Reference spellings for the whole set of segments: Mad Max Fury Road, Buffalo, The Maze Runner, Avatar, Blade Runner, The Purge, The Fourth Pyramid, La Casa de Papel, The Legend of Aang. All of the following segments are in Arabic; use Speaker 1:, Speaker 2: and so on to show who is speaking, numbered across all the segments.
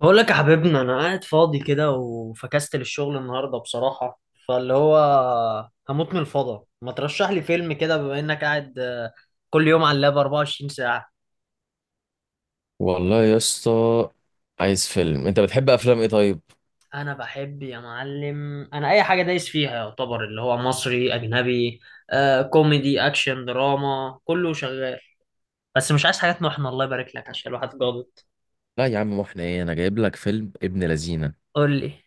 Speaker 1: بقول لك يا حبيبنا، انا قاعد فاضي كده وفكست للشغل النهارده بصراحه. فاللي هو هموت من الفضا، ما ترشح لي فيلم كده بما انك قاعد. كل يوم على اللاب 24 ساعه.
Speaker 2: والله يا اسطى، عايز فيلم؟ انت بتحب افلام ايه طيب؟
Speaker 1: انا بحب يا معلم، انا اي حاجه دايس فيها يعتبر اللي هو مصري اجنبي. كوميدي اكشن دراما كله شغال. بس مش عايز حاجات محنه الله يبارك لك عشان الواحد جابط.
Speaker 2: لا يا عم، واحنا ايه؟ انا جايب لك فيلم ابن لذينه.
Speaker 1: قول لي.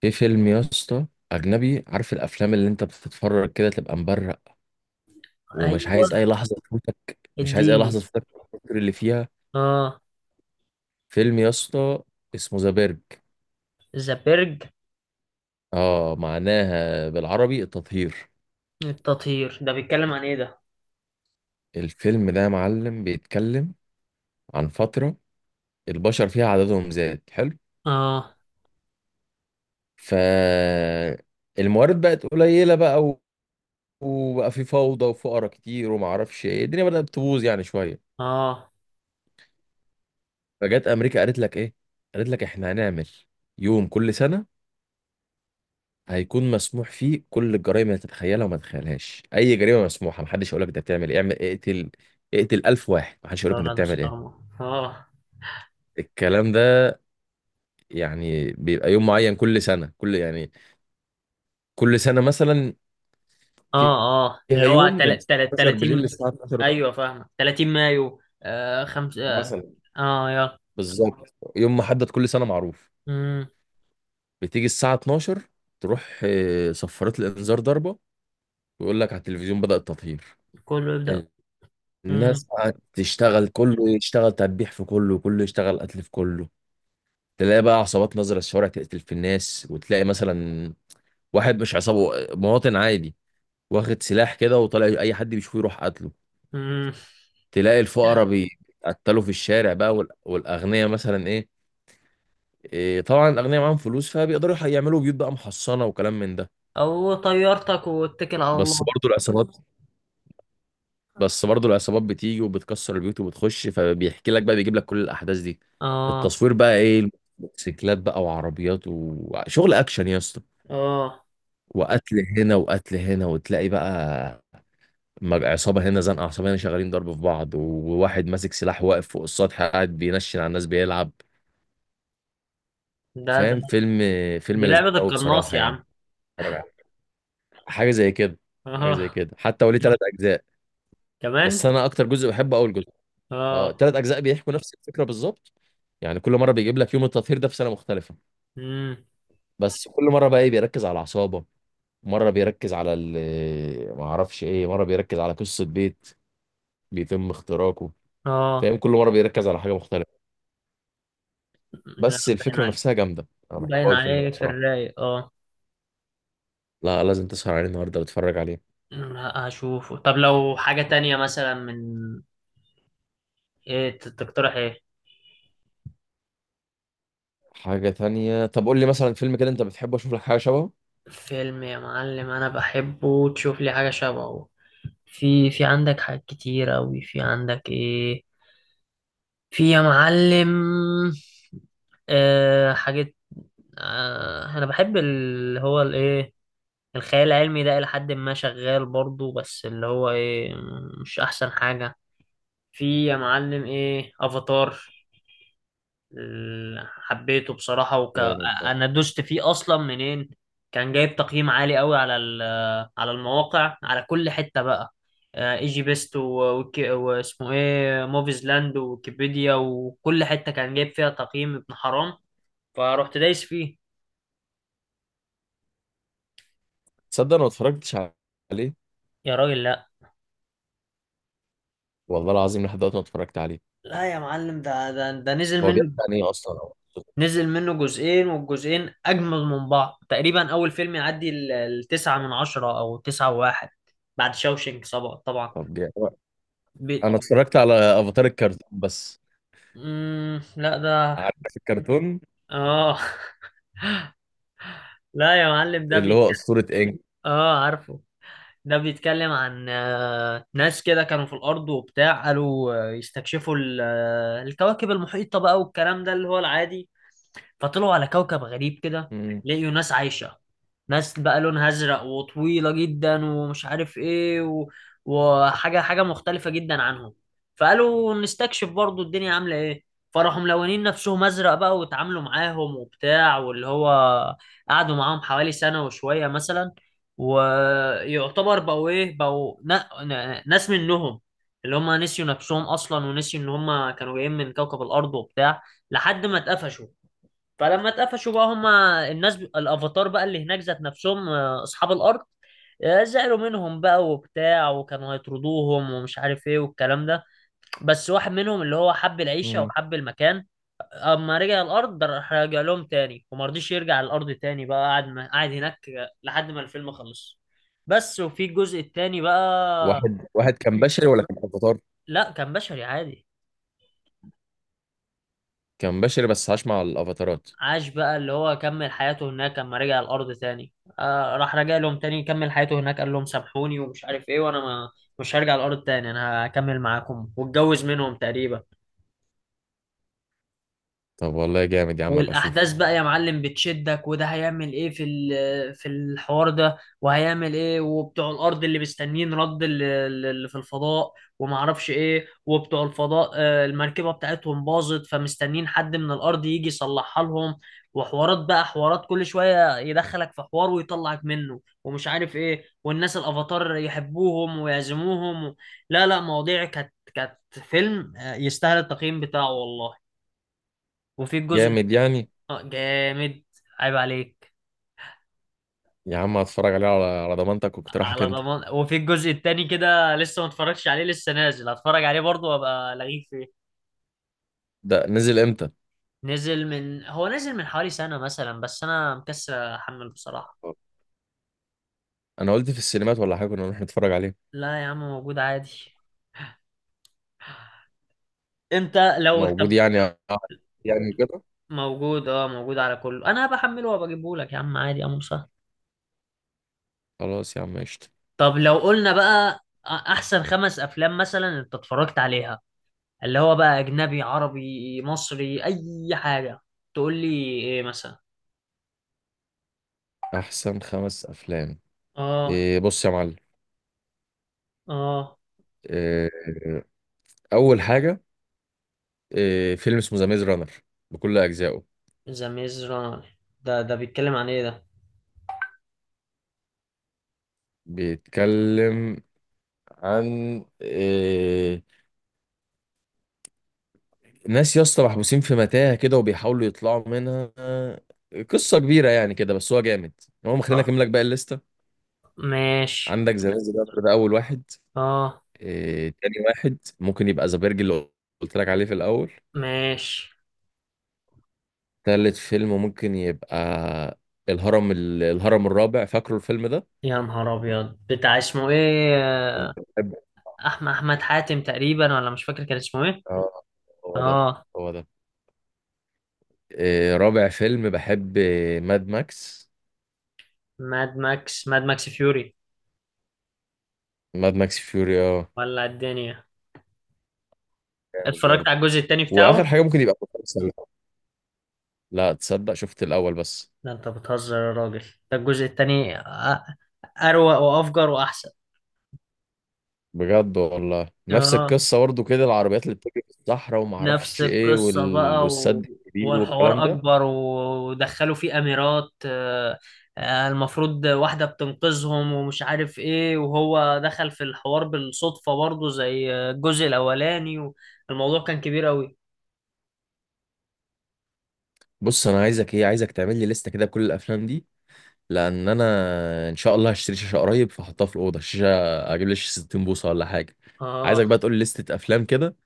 Speaker 2: في فيلم يا اسطى اجنبي. عارف الافلام اللي انت بتتفرج كده تبقى مبرق ومش
Speaker 1: ايوه،
Speaker 2: عايز اي لحظه تفوتك؟ مش عايز اي
Speaker 1: اديني.
Speaker 2: لحظه تفوتك في الفكر اللي فيها.
Speaker 1: اه.
Speaker 2: فيلم يا اسطى اسمه ذا بيرج.
Speaker 1: ذا بيرج.
Speaker 2: اه، معناها بالعربي التطهير.
Speaker 1: التطهير ده بيتكلم عن ايه ده؟
Speaker 2: الفيلم ده يا معلم بيتكلم عن فتره البشر فيها عددهم زاد حلو.
Speaker 1: اه
Speaker 2: ف الموارد بقت قليلة بقى، وبقى في فوضى وفقرا كتير وما اعرفش ايه، الدنيا بدأت تبوظ يعني شويه.
Speaker 1: اه.
Speaker 2: فجت امريكا قالت لك ايه، قالت لك احنا هنعمل يوم كل سنه هيكون مسموح فيه كل الجرائم اللي تتخيلها وما تتخيلهاش. اي جريمه مسموحه، محدش يقول لك انت بتعمل ايه. اعمل، اقتل، اقتل 1000 واحد محدش يقول لك انت
Speaker 1: ليوناردو
Speaker 2: بتعمل ايه.
Speaker 1: ستارما. اه
Speaker 2: الكلام ده يعني بيبقى يوم معين كل سنه، كل يعني كل سنه مثلا في-
Speaker 1: اه اه.
Speaker 2: فيها
Speaker 1: اللي هو
Speaker 2: يوم من الساعه 12 بالليل
Speaker 1: 30.
Speaker 2: للساعه 12
Speaker 1: ايوه فاهمه، 30 مايو. خمسة. اه.
Speaker 2: مثلا.
Speaker 1: يلا.
Speaker 2: بالظبط يوم محدد كل سنه معروف.
Speaker 1: امم
Speaker 2: بتيجي الساعة 12، تروح صفارات الإنذار ضربة، ويقول لك على التلفزيون بدأ التطهير.
Speaker 1: كله يبدأ. امم
Speaker 2: الناس قاعدة تشتغل، كله يشتغل تدبيح في كله، وكله يشتغل قتل في كله. تلاقي بقى عصابات نازلة الشوارع تقتل في الناس، وتلاقي مثلا واحد مش عصابة، مواطن عادي، واخد سلاح كده وطالع أي حد بيشوفه يروح قتله.
Speaker 1: امم
Speaker 2: تلاقي الفقراء بيتقتلوا في الشارع بقى، والأغنياء مثلا إيه، طبعا الأغنياء معاهم فلوس فبيقدروا يعملوا بيوت بقى محصنة وكلام من ده.
Speaker 1: او طيارتك واتكل على
Speaker 2: بس
Speaker 1: الله.
Speaker 2: برضو العصابات بس برضه العصابات بتيجي وبتكسر البيوت وبتخش، فبيحكي لك بقى بيجيب لك كل الاحداث دي.
Speaker 1: اه
Speaker 2: التصوير بقى ايه، موتوسيكلات بقى وعربيات وشغل اكشن يا اسطى.
Speaker 1: اه.
Speaker 2: وقتل هنا وقتل هنا، وتلاقي بقى عصابه هنا، زنقه عصابه هنا، شغالين ضرب في بعض، وواحد ماسك سلاح واقف فوق السطح قاعد بينشن على الناس بيلعب.
Speaker 1: ده.
Speaker 2: فاهم؟ فيلم، فيلم
Speaker 1: دي
Speaker 2: لذيذ
Speaker 1: لعبة
Speaker 2: قوي
Speaker 1: القناص
Speaker 2: بصراحه
Speaker 1: يا
Speaker 2: يعني.
Speaker 1: عم.
Speaker 2: اتفرج عليه. حاجه زي كده. حاجه زي
Speaker 1: اه.
Speaker 2: كده، حتى وليه ثلاث اجزاء. بس
Speaker 1: كمان.
Speaker 2: انا اكتر جزء بحبه اول جزء. اه،
Speaker 1: اه.
Speaker 2: ثلاث اجزاء بيحكوا نفس الفكره بالظبط. يعني كل مره بيجيب لك يوم التطهير ده في سنه مختلفه،
Speaker 1: امم
Speaker 2: بس كل مره بقى ايه بيركز على العصابه، مره بيركز على ما اعرفش ايه، مره بيركز على قصه بيت بيتم اختراقه.
Speaker 1: اه.
Speaker 2: فاهم؟ كل مره بيركز على حاجه مختلفه،
Speaker 1: لا،
Speaker 2: بس
Speaker 1: باين
Speaker 2: الفكره
Speaker 1: عليك.
Speaker 2: نفسها جامده. انا بحب
Speaker 1: باين
Speaker 2: اقول الفيلم ده
Speaker 1: عليه في
Speaker 2: بصراحه.
Speaker 1: الرايق، اه.
Speaker 2: لا، لازم تسهر عليه النهارده وتتفرج عليه.
Speaker 1: لا هشوفه. طب لو حاجة تانية، مثلا تقترح ايه؟
Speaker 2: حاجه تانية؟ طب قول لي مثلا فيلم كده انت بتحبه اشوف لك حاجه شبهه.
Speaker 1: فيلم يا معلم انا بحبه تشوف لي حاجه شبهه؟ في عندك حاجات كتير اوي. في عندك ايه؟ في يا معلم. آه، حاجات. آه، انا بحب اللي هو الايه، الخيال العلمي ده الى حد ما شغال برضو، بس اللي هو ايه، مش احسن حاجه. في يا معلم ايه، افاتار. حبيته بصراحة
Speaker 2: جامد ده.
Speaker 1: أنا دوست فيه أصلا. منين؟ كان جايب تقييم عالي قوي على على المواقع، على كل حتة بقى. ايجي بيست واسمه ايه، موفيز لاند، ويكيبيديا، وكل حتة كان جايب فيها تقييم ابن حرام. فروحت دايس فيه.
Speaker 2: تصدق انا ما اتفرجتش عليه،
Speaker 1: يا راجل لا.
Speaker 2: والله العظيم لحد دلوقتي ما اتفرجت عليه.
Speaker 1: لا يا معلم، ده نزل
Speaker 2: هو بيحكي
Speaker 1: منه.
Speaker 2: عن ايه اصلا أو قصته؟
Speaker 1: نزل منه جزئين، والجزئين أجمل من بعض تقريبا. أول فيلم يعدي التسعة من عشرة، أو تسعة وواحد، بعد شاوشنك طبعا.
Speaker 2: طب جامد. انا اتفرجت على افاتار الكرتون بس.
Speaker 1: لا ده.
Speaker 2: عارف الكرتون
Speaker 1: اه. لا يا معلم، ده
Speaker 2: اللي
Speaker 1: بي.
Speaker 2: هو أسطورة إنج؟
Speaker 1: اه عارفه. ده بيتكلم عن ناس كده كانوا في الارض وبتاع، قالوا يستكشفوا الكواكب المحيطه بقى، والكلام ده اللي هو العادي. فطلعوا على كوكب غريب كده،
Speaker 2: مم.
Speaker 1: لقيوا ناس عايشة. ناس بقى لونها أزرق وطويلة جدا، ومش عارف إيه و... وحاجة حاجة مختلفة جدا عنهم. فقالوا نستكشف برضو الدنيا عاملة إيه. فراحوا ملونين نفسهم أزرق بقى، واتعاملوا معاهم وبتاع، واللي هو قعدوا معاهم حوالي سنة وشوية مثلا. ويعتبر بقوا إيه، بقوا ناس منهم، اللي هم نسيوا نفسهم أصلا ونسيوا إن هم كانوا جايين من كوكب الأرض وبتاع، لحد ما اتقفشوا. فلما اتقفشوا بقى، هما الناس الافاتار بقى اللي هناك، ذات نفسهم، اصحاب الارض زعلوا منهم بقى وبتاع، وكانوا هيطردوهم ومش عارف ايه والكلام ده. بس واحد منهم اللي هو حب العيشه
Speaker 2: مم.
Speaker 1: وحب المكان، اما رجع الارض ده، راح رجع لهم تاني، وما رضيش يرجع الارض تاني بقى. قعد قاعد هناك لحد ما الفيلم خلص. بس. وفي الجزء التاني بقى،
Speaker 2: واحد كان بشري ولا كان افاتار؟
Speaker 1: لا كان بشري عادي،
Speaker 2: كان بشري بس عاش مع الافاتارات.
Speaker 1: عاش بقى اللي هو كمل حياته هناك. لما رجع الأرض تاني، آه راح رجع لهم تاني، كمل حياته هناك، قال لهم سامحوني ومش عارف ايه، وانا ما، مش هرجع الأرض تاني، انا هكمل معاكم، واتجوز منهم تقريبا.
Speaker 2: طب والله جامد يا عم، ابقى
Speaker 1: والاحداث
Speaker 2: اشوفه.
Speaker 1: بقى يا معلم بتشدك، وده هيعمل ايه في في الحوار ده، وهيعمل ايه، وبتوع الارض اللي مستنيين رد اللي في الفضاء، وما اعرفش ايه. وبتوع الفضاء المركبه بتاعتهم باظت، فمستنيين حد من الارض يجي يصلحها لهم. وحوارات بقى، حوارات كل شويه يدخلك في حوار ويطلعك منه ومش عارف ايه، والناس الافاتار يحبوهم ويعزموهم و... لا لا، مواضيع كانت، فيلم يستاهل التقييم بتاعه والله. وفي الجزء.
Speaker 2: جامد يعني؟
Speaker 1: اه جامد. عيب عليك.
Speaker 2: يا عم هتفرج عليه على على ضمانتك واقتراحك
Speaker 1: على
Speaker 2: انت.
Speaker 1: ضمان. وفي الجزء التاني كده لسه ما اتفرجتش عليه، لسه نازل، هتفرج عليه برضه وابقى لغيك فيه.
Speaker 2: ده نزل امتى؟
Speaker 1: نزل من، هو نزل من حوالي سنة مثلا، بس انا مكسل احمل بصراحة.
Speaker 2: انا قلت في السينمات ولا حاجه كنا نروح نتفرج عليه.
Speaker 1: لا يا عم موجود عادي. انت لو،
Speaker 2: موجود
Speaker 1: طب
Speaker 2: يعني؟ يعني كده؟
Speaker 1: موجود، اه موجود على كله، انا بحمله وبجيبه لك يا عم، عادي يا عم سهل.
Speaker 2: خلاص يا عم، قشطة.
Speaker 1: طب لو قلنا بقى، احسن خمس افلام مثلا انت اتفرجت عليها، اللي هو بقى اجنبي، عربي، مصري، اي حاجة. تقول لي ايه مثلا؟
Speaker 2: احسن خمس افلام؟
Speaker 1: اه.
Speaker 2: إيه، بص يا معلم.
Speaker 1: اه
Speaker 2: إيه، اول حاجه، إيه، فيلم اسمه ذا ميز رانر بكل اجزائه.
Speaker 1: ذا ميز رانر. ده بيتكلم عن ايه ده؟
Speaker 2: بيتكلم عن ناس يا اسطى محبوسين في متاهة كده وبيحاولوا يطلعوا منها. قصة كبيرة يعني كده، بس هو جامد. المهم خلينا
Speaker 1: اه
Speaker 2: اكمل لك باقي الليستة.
Speaker 1: ماشي.
Speaker 2: عندك ذا ميز رانر ده اول واحد.
Speaker 1: اه
Speaker 2: تاني واحد ممكن يبقى ذا بيرج اللي قلت لك عليه في الاول.
Speaker 1: ماشي.
Speaker 2: تالت فيلم ممكن يبقى الهرم. الهرم الرابع، فاكره الفيلم ده؟
Speaker 1: يا نهار ابيض، بتاع اسمه ايه،
Speaker 2: كنت بحب.
Speaker 1: احمد، احمد حاتم تقريبا، ولا مش فاكر كان اسمه ايه.
Speaker 2: اه، هو ده،
Speaker 1: اه.
Speaker 2: هو ده. رابع فيلم بحب ماد ماكس.
Speaker 1: ماد ماكس، ماد ماكس فيوري،
Speaker 2: ماد ماكس فيوري، اه،
Speaker 1: ولا الدنيا.
Speaker 2: جامد
Speaker 1: اتفرجت
Speaker 2: برضه.
Speaker 1: على الجزء التاني
Speaker 2: واخر
Speaker 1: بتاعه.
Speaker 2: حاجه ممكن يبقى كفر السلة. لا تصدق، شفت الاول بس.
Speaker 1: ده انت بتهزر يا راجل، ده الجزء التاني اروق وافجر واحسن.
Speaker 2: بجد والله نفس
Speaker 1: اه
Speaker 2: القصه برضه كده، العربيات اللي بتجري في الصحراء وما
Speaker 1: نفس
Speaker 2: اعرفش ايه
Speaker 1: القصة
Speaker 2: وال...
Speaker 1: بقى و...
Speaker 2: والسد الكبير والكلام
Speaker 1: والحوار
Speaker 2: ده.
Speaker 1: أكبر ودخلوا فيه أميرات، المفروض واحدة بتنقذهم ومش عارف إيه، وهو دخل في الحوار بالصدفة برضه زي الجزء الأولاني، والموضوع كان كبير أوي.
Speaker 2: بص انا عايزك ايه، عايزك تعمل لي لسته كده بكل الافلام دي، لان انا ان شاء الله هشتري شاشه قريب فاحطها في الاوضه، الشاشه اجيب لي شاشه 60 بوصه ولا حاجه.
Speaker 1: آه.
Speaker 2: عايزك بقى تقول لي لسته افلام كده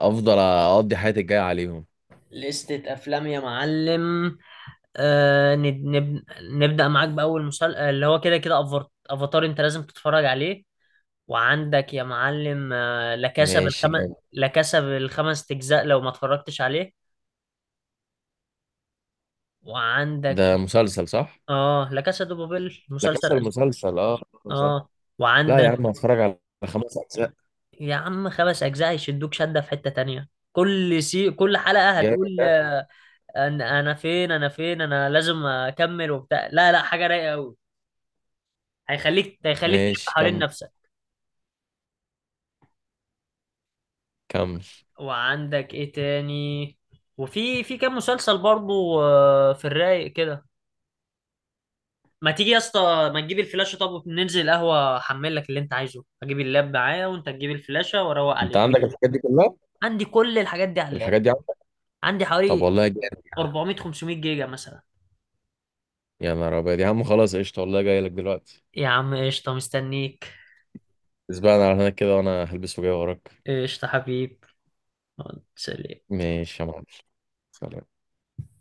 Speaker 2: افضل اقضي حياتي الجايه عليهم.
Speaker 1: لستة أفلام يا معلم. آه نبدأ معاك بأول مسلسل اللي هو كده كده، أفاتار أنت لازم تتفرج عليه. وعندك يا معلم لا كاسا
Speaker 2: ماشي
Speaker 1: بالخمس.
Speaker 2: جامد.
Speaker 1: لا كاسا بالخمس اجزاء لو ما اتفرجتش عليه. وعندك
Speaker 2: ده مسلسل صح؟
Speaker 1: اه، لا كاسا دو بابيل،
Speaker 2: ده
Speaker 1: مسلسل
Speaker 2: كسر
Speaker 1: اسباني.
Speaker 2: المسلسل، اه. صح.
Speaker 1: اه.
Speaker 2: لا يا
Speaker 1: وعندك
Speaker 2: عم، هتفرج على خمس اجزاء؟
Speaker 1: يا عم، خمس اجزاء يشدوك شدة في حتة تانية. كل سي، كل حلقة
Speaker 2: جامد
Speaker 1: هتقول
Speaker 2: ده.
Speaker 1: انا انا فين، انا لازم اكمل وبتاع، لا لا، حاجة رايقة قوي. هيخليك تلف
Speaker 2: ماشي
Speaker 1: حوالين
Speaker 2: كمل،
Speaker 1: نفسك.
Speaker 2: كمل.
Speaker 1: وعندك ايه تاني؟ وفي كام مسلسل برضو آه، في الرايق كده. ما تيجي يا اسطى، ما تجيب الفلاشة، طب ننزل القهوة، احمل لك اللي انت عايزه، اجيب اللاب معايا وانت تجيب الفلاشة واروق
Speaker 2: انت
Speaker 1: عليه.
Speaker 2: عندك الحاجات دي كلها؟
Speaker 1: عندي كل الحاجات دي على اللاب.
Speaker 2: الحاجات دي عندك؟
Speaker 1: عندي
Speaker 2: طب
Speaker 1: حوالي
Speaker 2: والله جامد.
Speaker 1: 400 500 جيجا مثلا.
Speaker 2: يا نهار ابيض يا عم، خلاص قشطه، والله جاي لك دلوقتي.
Speaker 1: يا عم قشطة، مستنيك.
Speaker 2: اسبقنا على هناك كده وانا هلبس وجاي وراك.
Speaker 1: قشطة حبيب. سلام.
Speaker 2: ماشي يا معلم، سلام.